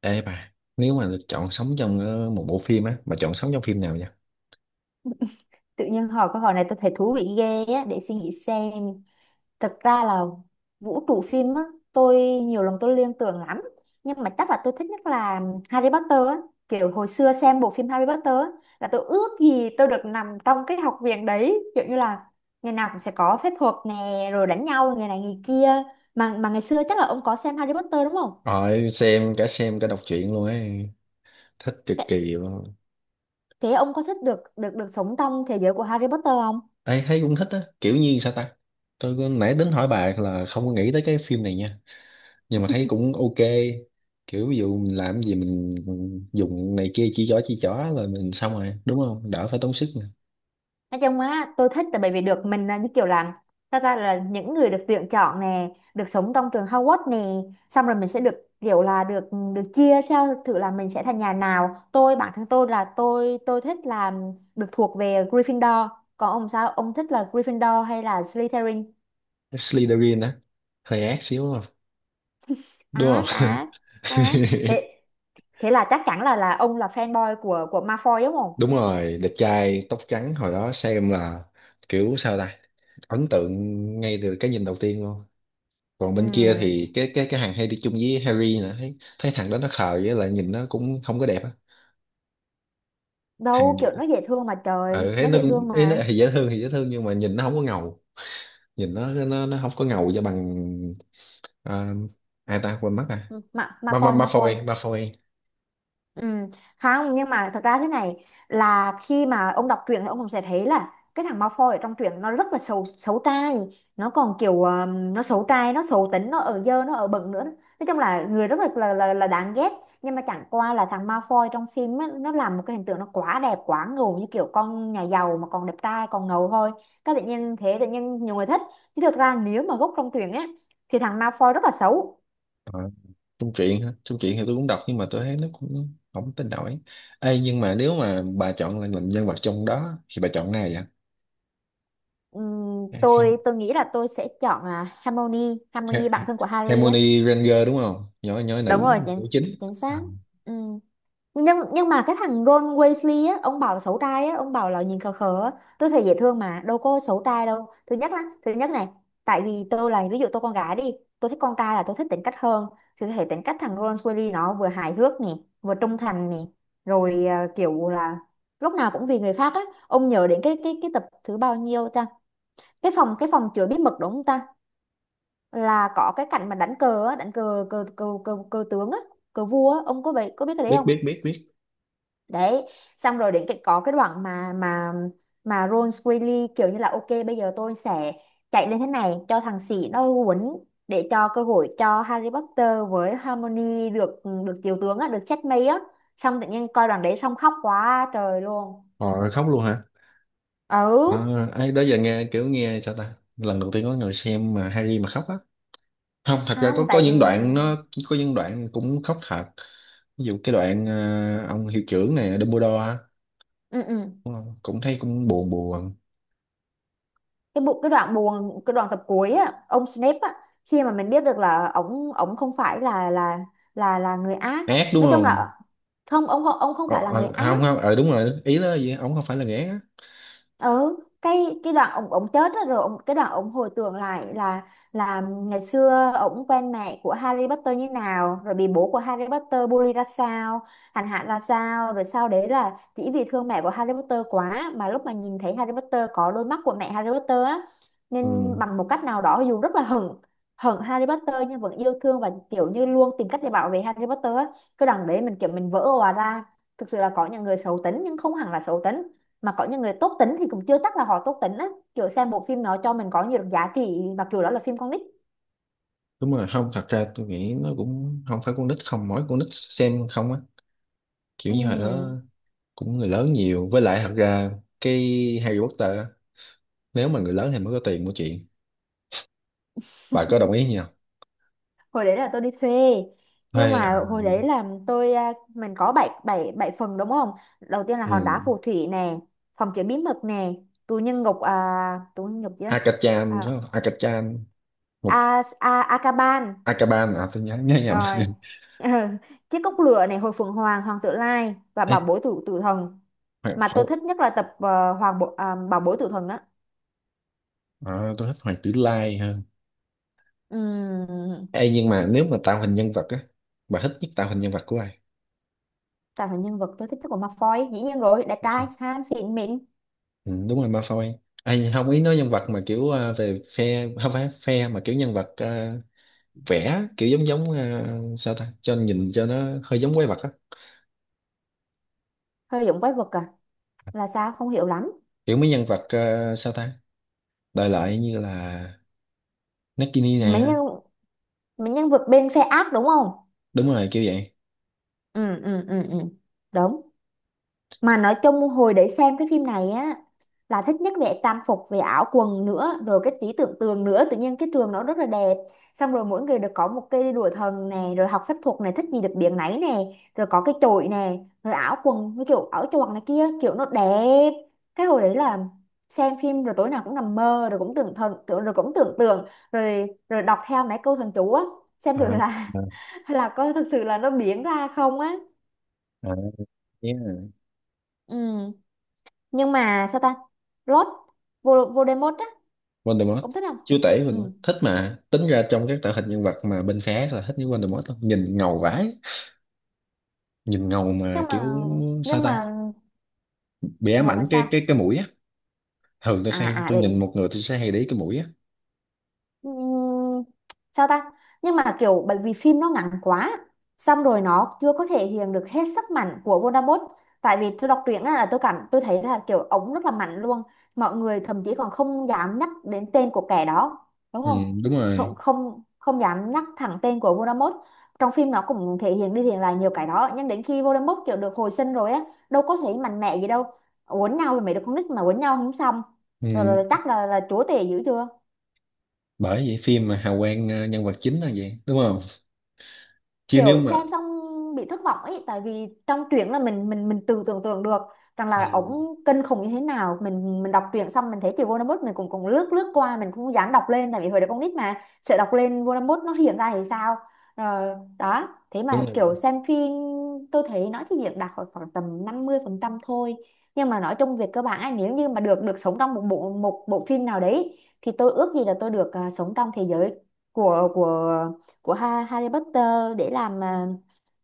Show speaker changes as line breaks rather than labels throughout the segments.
Ê bà, nếu mà được chọn sống trong một bộ phim á, mà chọn sống trong phim nào vậy?
Tự nhiên hỏi câu hỏi này tôi thấy thú vị ghê á, để suy nghĩ xem. Thực ra là vũ trụ phim á, tôi nhiều lần tôi liên tưởng lắm. Nhưng mà chắc là tôi thích nhất là Harry Potter á. Kiểu hồi xưa xem bộ phim Harry Potter á, là tôi ước gì tôi được nằm trong cái học viện đấy, kiểu như là ngày nào cũng sẽ có phép thuật nè, rồi đánh nhau người này người kia. Mà ngày xưa chắc là ông có xem Harry Potter đúng không?
Rồi xem cả đọc truyện luôn ấy, thích cực
thế
kỳ luôn.
thế ông có thích được được được sống trong thế giới của Harry Potter không?
Ê, thấy cũng thích á, kiểu như sao ta? Nãy tính hỏi bà là không có nghĩ tới cái phim này nha, nhưng mà thấy cũng ok. Kiểu ví dụ mình làm gì mình dùng này kia, chỉ chó rồi mình xong rồi, đúng không? Đỡ phải tốn sức nè.
Nói chung á tôi thích là bởi vì được mình là như kiểu là ta ta là những người được tuyển chọn nè, được sống trong trường Hogwarts nè, xong rồi mình sẽ được kiểu là được được chia theo thử là mình sẽ thành nhà nào. Tôi bản thân tôi là tôi thích là được thuộc về Gryffindor. Còn ông sao ông thích là Gryffindor hay là Slytherin?
Slytherin á, hơi ác xíu đúng không? Đúng không?
Á á á. Thế thế là chắc chắn là ông là fanboy của Malfoy đúng không?
Đúng rồi, đẹp trai tóc trắng, hồi đó xem là kiểu sao ta, ấn tượng ngay từ cái nhìn đầu tiên luôn. Còn bên kia
Ừ,
thì cái hàng hay đi chung với Harry nữa, thấy thấy thằng đó nó khờ với lại nhìn nó cũng không có đẹp á, thằng
đâu,
Việt
kiểu
á.
nó dễ thương mà, trời
Ừ, thấy
nó
nó
dễ
cũng,
thương
ý nó
mà.
thì dễ thương nhưng mà nhìn nó không có ngầu, nhìn nó không có ngầu cho bằng. À, ai ta quên mất, à
Ừ, Ma
ba ba
Malfoy
ba phôi
Malfoy
ba phôi
Ừ, không, nhưng mà thật ra thế này là khi mà ông đọc truyện thì ông cũng sẽ thấy là cái thằng Malfoy ở trong truyện nó rất là xấu xấu trai Nó còn kiểu nó xấu trai, nó xấu tính, nó ở dơ, nó ở bẩn nữa, nói chung là người rất là đáng ghét. Nhưng mà chẳng qua là thằng Malfoy trong phim á, nó làm một cái hình tượng nó quá đẹp quá ngầu, như kiểu con nhà giàu mà còn đẹp trai còn ngầu thôi. Cái tự nhiên thế, tự nhiên nhiều người thích. Chứ thực ra nếu mà gốc trong truyện á thì thằng Malfoy rất là xấu.
Trung truyện hả? Trung truyện thì tôi cũng đọc nhưng mà tôi thấy nó cũng không tin nổi. Ê, nhưng mà nếu mà bà chọn là làm nhân vật trong đó thì bà chọn ai vậy?
Tôi
Ha-
tôi nghĩ là tôi sẽ chọn là Harmony
Ha-
Harmony bạn thân của Harry á.
Hermione Granger đúng không? Nhỏ nhỏ,
Đúng
nữ
rồi, chính
nữ chính.
chính
À,
xác Ừm. Nhưng mà cái thằng Ron Weasley á, ông bảo là xấu trai á, ông bảo là nhìn khờ khờ á. Tôi thấy dễ thương mà, đâu có xấu trai đâu. Thứ nhất là thứ nhất này, tại vì tôi là ví dụ tôi con gái đi, tôi thích con trai là tôi thích tính cách hơn, thì tôi thấy tính cách thằng Ron Weasley nó vừa hài hước nè, vừa trung thành nè, rồi kiểu là lúc nào cũng vì người khác á. Ông nhớ đến cái tập thứ bao nhiêu ta? Cái phòng chứa bí mật đúng không ta? Là có cái cảnh mà đánh cờ á, đánh cờ cờ cờ cờ, cờ tướng á, cờ vua á, ông có biết cái đấy
biết
không?
biết biết biết.
Đấy, xong rồi đến cái có cái đoạn mà Ron Weasley kiểu như là, ok bây giờ tôi sẽ chạy lên thế này cho thằng sĩ nó quấn, để cho cơ hội cho Harry Potter với Hermione được được chiếu tướng á, được checkmate á. Xong tự nhiên coi đoạn đấy xong khóc quá trời luôn.
Họ khóc luôn hả? À,
Ừ,
ấy đó giờ nghe kiểu nghe sao ta? Lần đầu tiên có người xem mà Harry mà khóc á. Không, thật ra
không
có
tại ừ,
những đoạn nó, có những đoạn cũng khóc thật. Ví dụ cái đoạn ông hiệu trưởng này Dumbledore á,
ừ. Ừ.
đúng không? Cũng thấy cũng buồn buồn.
Cái đoạn buồn, cái đoạn tập cuối á, ông Snape á, khi mà mình biết được là ổng ổng không phải là người ác.
Ác đúng
Nói chung
không?
là không, ông không phải là người
Ờ,
ác.
Không không, đúng rồi, ý đó là gì, ổng không phải là ghẻ á.
Ừ, cái đoạn ông chết á, rồi ông cái đoạn ông hồi tưởng lại là ngày xưa ông quen mẹ của Harry Potter như nào, rồi bị bố của Harry Potter bully ra sao, hành hạ ra sao, rồi sau đấy là chỉ vì thương mẹ của Harry Potter quá, mà lúc mà nhìn thấy Harry Potter có đôi mắt của mẹ Harry Potter á, nên
Ừ,
bằng một cách nào đó dù rất là hận hận Harry Potter nhưng vẫn yêu thương và kiểu như luôn tìm cách để bảo vệ Harry Potter á. Cái đoạn đấy mình kiểu mình vỡ òa ra, thực sự là có những người xấu tính nhưng không hẳn là xấu tính, mà có những người tốt tính thì cũng chưa chắc là họ tốt tính á. Kiểu xem bộ phim nó cho mình có nhiều giá trị mặc dù đó là phim con nít.
đúng rồi. Không, thật ra tôi nghĩ nó cũng không phải con nít, không mỗi con nít xem không á, kiểu như hồi đó
Ừ.
cũng người lớn nhiều, với lại thật ra cái Harry Potter á, nếu mà người lớn thì mới có tiền mua chuyện, bà có đồng ý nhỉ,
Hồi đấy là tôi đi thuê. Nhưng
hay à,
mà hồi đấy là tôi mình có bảy bảy bảy phần đúng không? Đầu tiên là
ừ.
hòn đá phù thủy nè, phòng chứa bí mật nè, tù nhân ngục à, tù nhân ngục chứ,
Akachan phải
à,
không? Akachan một
a a Akaban,
Akaban, à tôi nhớ nhớ nhầm.
rồi chiếc cốc lửa này, hồi phượng hoàng, hoàng tử lai, và
Ê,
bảo bối tử tử thần Mà tôi
Hỏi
thích nhất là tập bảo bối tử thần á.
à, tôi thích Hoàng Tử Lai hơn.
Ừm,
Ê, nhưng mà nếu mà tạo hình nhân vật á, bà thích nhất tạo hình nhân vật của ai?
Tạo thành nhân vật tôi thích nhất của Malfoy, dĩ nhiên rồi, đẹp trai sang xịn mịn.
Ừ, đúng rồi Malfoy. Ai không, ý nói nhân vật mà kiểu về phe không phải phe mà kiểu nhân vật, vẽ kiểu giống giống, sao ta, cho nhìn cho nó hơi giống quái vật á,
Hơi giống quái vật à? Là sao không hiểu lắm.
kiểu mấy nhân vật sao ta, đại loại như là Nagini
mấy
nè,
nhân Mấy nhân vật bên phe ác đúng không?
đúng rồi kiểu vậy.
Ừ, ừ, ừ, ừ. Đúng. Mà nói chung hồi để xem cái phim này á, là thích nhất về trang phục, về áo quần nữa, rồi cái trí tưởng tượng nữa, tự nhiên cái trường nó rất là đẹp. Xong rồi mỗi người được có một cây đùa thần nè, rồi học phép thuật này thích gì được biếng nấy nè, rồi có cái chổi nè, rồi áo quần với kiểu áo choàng này kia, kiểu nó đẹp. Cái hồi đấy là xem phim rồi tối nào cũng nằm mơ, rồi cũng tưởng thần tưởng, rồi cũng tưởng tượng, rồi rồi đọc theo mấy câu thần chú á, xem thử
À,
là
à,
là có thực sự là nó biến ra không á.
à, yeah.
Ừ. Nhưng mà sao ta, Lord Voldemort á,
Voldemort,
cũng thích không?
chúa tể
Ừ.
Voldemort thích mà, tính ra trong các tạo hình nhân vật mà bên phé là thích những Voldemort lắm. Nhìn ngầu vãi, nhìn ngầu
nhưng
mà
mà
kiểu sao
nhưng
ta,
mà
bị ám
ngầu mà
ảnh
sao?
cái mũi á. Thường tôi hay, tôi
Bị.
nhìn một người tôi sẽ hay để ý cái mũi á.
Ừm, Sao ta. Nhưng mà kiểu bởi vì phim nó ngắn quá, xong rồi nó chưa có thể hiện được hết sức mạnh của Voldemort. Tại vì tôi đọc truyện á là tôi cảm tôi thấy là kiểu ống rất là mạnh luôn, mọi người thậm chí còn không dám nhắc đến tên của kẻ đó đúng
Ừ,
không?
đúng
không
rồi.
không không dám nhắc thẳng tên của Voldemort. Trong phim nó cũng thể hiện đi thể hiện lại nhiều cái đó, nhưng đến khi Voldemort kiểu được hồi sinh rồi á, đâu có thể mạnh mẽ gì đâu. Quấn nhau thì mấy đứa con nít mà quấn nhau không xong. rồi,
Ừ,
rồi, rồi chắc là chúa tể dữ chưa?
bởi vậy phim mà hào quang nhân vật chính là vậy đúng không, chứ nếu
Kiểu
mà
xem xong bị thất vọng ấy, tại vì trong truyện là mình tự tưởng tượng được rằng
ừ,
là ổng kinh khủng như thế nào. Mình đọc truyện xong mình thấy chữ Voldemort mình cũng cũng lướt lướt qua, mình không dám đọc lên, tại vì hồi đó con nít mà sợ đọc lên Voldemort nó hiện ra thì sao. Rồi đó thế
đúng
mà
rồi,
kiểu xem phim, tôi thấy nói thì diễn đạt khoảng khoảng tầm 50% thôi. Nhưng mà nói chung về cơ bản á, nếu như mà được được sống trong một bộ phim nào đấy, thì tôi ước gì là tôi được sống trong thế giới của của của Harry Potter để làm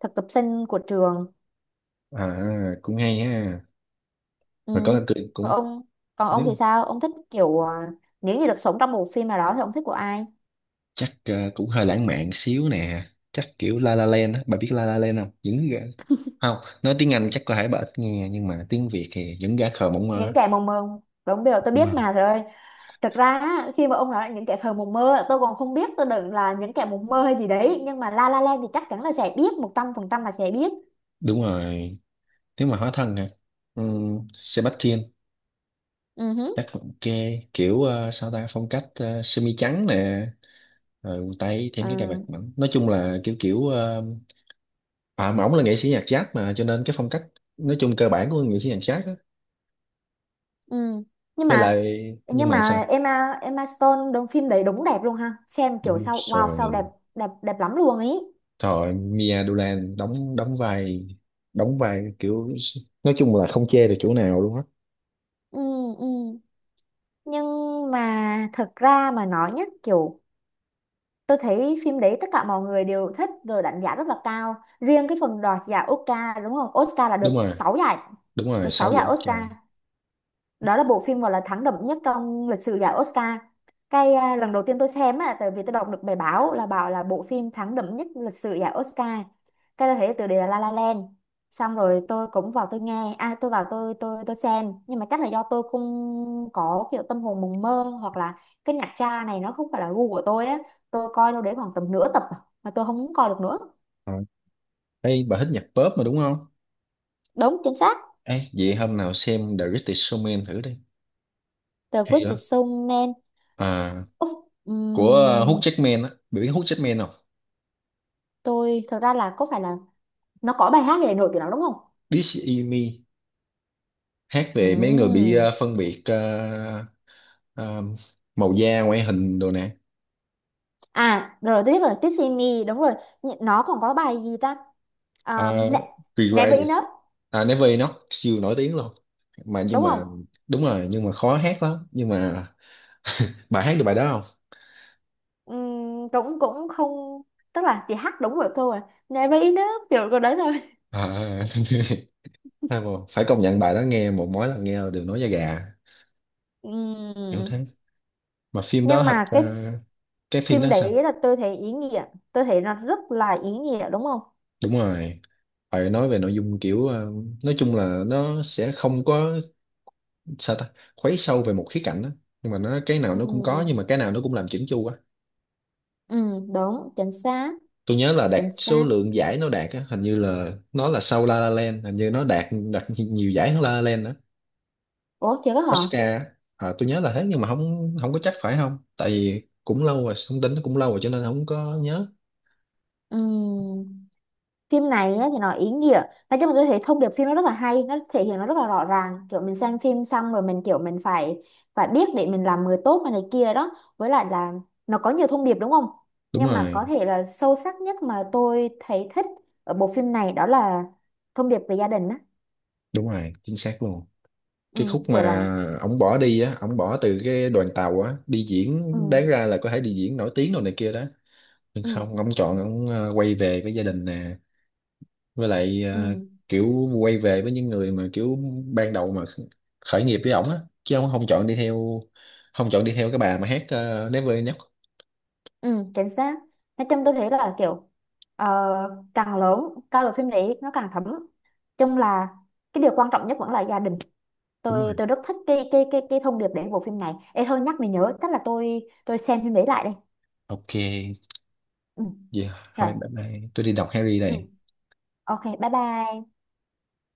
thực tập sinh của trường.
à cũng hay ha,
Ừ.
và có cười
còn
cũng,
ông còn ông
nếu
thì sao, ông thích kiểu nếu như được sống trong một phim nào đó thì ông thích của ai?
chắc cũng hơi lãng mạn xíu nè, chắc kiểu La La Land á, bà biết La La Land không, những gã, không, nói tiếng Anh chắc có thể bà ít nghe nhưng mà tiếng Việt thì những gã khờ mộng mơ á.
Những kẻ mộng mơ, đúng, điều tôi
Đúng
biết
không?
mà rồi. Thực ra á, khi mà ông nói là những kẻ khờ mộng mơ, tôi còn không biết tôi đừng là những kẻ mộng mơ hay gì đấy, nhưng mà La La Land thì chắc chắn là sẽ biết, 100% là sẽ biết.
Đúng rồi, nếu mà hóa thân hả, ừ, Sebastian
Ừ hứ.
chắc cũng ok, kiểu sao ta, phong cách semi trắng nè, rồi quần tây thêm
Ờ,
cái cài vạt mỏng, nói chung là kiểu kiểu, à mà ổng là nghệ sĩ nhạc jazz mà cho nên cái phong cách, nói chung cơ bản của nghệ sĩ nhạc jazz á,
ừ. nhưng
với
mà
lại nhưng
nhưng
mà sao,
mà Emma Emma Stone đóng phim đấy đúng đẹp luôn, ha xem kiểu
đúng
sao, wow sao đẹp.
rồi,
Đẹp lắm luôn ý.
thôi Mia Dolan đóng, đóng vai kiểu, nói chung là không chê được chỗ nào luôn á,
Ừ, ừ. Nhưng mà thật ra mà nói nhá, kiểu tôi thấy phim đấy tất cả mọi người đều thích rồi đánh giá rất là cao, riêng cái phần đoạt giải Oscar đúng không, Oscar là được
đúng rồi.
6 giải,
Đúng rồi,
được
sao
6
vậy
giải
trời.
Oscar. Đó là bộ phim gọi là thắng đậm nhất trong lịch sử giải Oscar. Cái lần đầu tiên tôi xem á, tại vì tôi đọc được bài báo là bảo là bộ phim thắng đậm nhất lịch sử giải Oscar. Cái tôi thấy từ đề là La La Land, xong rồi tôi cũng vào tôi nghe tôi vào tôi xem, nhưng mà chắc là do tôi không có kiểu tâm hồn mộng mơ, hoặc là cái nhạc tra này nó không phải là gu của tôi á. Tôi coi đâu đấy khoảng tầm nửa tập mà tôi không muốn coi được nữa.
Thôi, ê, bà thích nhạc pop mà đúng không?
Đúng chính xác.
Ê, vậy hôm nào xem The Greatest Showman thử đi,
The
hay lắm,
Greatest Showman.
à
Uf,
của Hugh
ừm,
Jackman á, biết Hugh Jackman không?
tôi thật ra là có phải là nó có bài hát gì để nổi tiếng lắm đúng không?
This Is Me, hát về mấy người bị
Ừm.
phân biệt, ờ, màu da ngoại hình đồ nè,
À rồi tôi biết rồi, This Is Me đúng rồi. Nó còn có bài gì ta?
uh,
Ne Never Enough
Riders, à, Never Enough siêu nổi tiếng luôn, mà nhưng
đúng không?
mà đúng rồi, nhưng mà khó hát lắm, nhưng mà bà hát được bài đó không?
Cũng cũng không. Tức là thì hát đúng rồi câu rồi, Never Enough kiểu câu đấy thôi.
À, hay mà, phải công nhận bài đó nghe một, mỗi lần nghe là đều nói da gà, kiểu
Ừm.
thế. Mà phim đó
Nhưng
thật
mà cái
cái phim
phim
đó sao?
đấy là tôi thấy ý nghĩa, tôi thấy nó rất là ý nghĩa đúng không?
Đúng rồi, phải nói về nội dung kiểu nói chung là nó sẽ không có sao ta, khuấy sâu về một khía cạnh đó, nhưng mà nó cái nào nó cũng có, nhưng mà
Ừm.
cái nào nó cũng làm chỉnh chu quá.
Ừ, đúng chính xác.
Tôi nhớ là đạt
Chính
số
xác.
lượng giải nó đạt á, hình như là nó là sau La La Land, hình như nó đạt đạt nhiều giải hơn La La Land đó,
Ủa chưa có hả?
Oscar á. À, tôi nhớ là thế nhưng mà không không có chắc phải không, tại vì cũng lâu rồi, thông tin nó cũng lâu rồi cho nên không có nhớ.
Ừ. Phim này á, thì nó ý nghĩa. Nói chung là tôi thấy thông điệp phim nó rất là hay, nó thể hiện nó rất là rõ ràng, kiểu mình xem phim xong rồi mình kiểu mình phải phải biết để mình làm người tốt này, này kia đó. Với lại là nó có nhiều thông điệp đúng không?
Đúng
Nhưng mà
rồi,
có thể là sâu sắc nhất mà tôi thấy thích ở bộ phim này đó là thông điệp về gia đình á.
đúng rồi chính xác luôn.
Ừ,
Cái khúc
kiểu là.
mà ổng bỏ đi á, ổng bỏ từ cái đoàn tàu á đi diễn, đáng
Ừ,
ra là có thể đi diễn nổi tiếng đồ này kia đó, nhưng
ừ,
không, ông chọn ông quay về với gia đình nè, với lại
ừ,
kiểu quay về với những người mà kiểu ban đầu mà khởi nghiệp với ổng á, chứ ông không chọn đi theo, không chọn đi theo cái bà mà hát, Never Enough.
ừ, chính xác. Nói chung tôi thấy là kiểu ờ, càng lớn coi bộ phim đấy nó càng thấm, chung là cái điều quan trọng nhất vẫn là gia đình.
Đúng
tôi
rồi,
tôi rất thích cái thông điệp để bộ phim này. Ê thôi nhắc mình nhớ, chắc là tôi xem phim đấy lại đây.
ok
Ừ.
vậy
Rồi.
thôi, bye bye tôi đi đọc Harry
Ừ.
này.
Ok bye bye.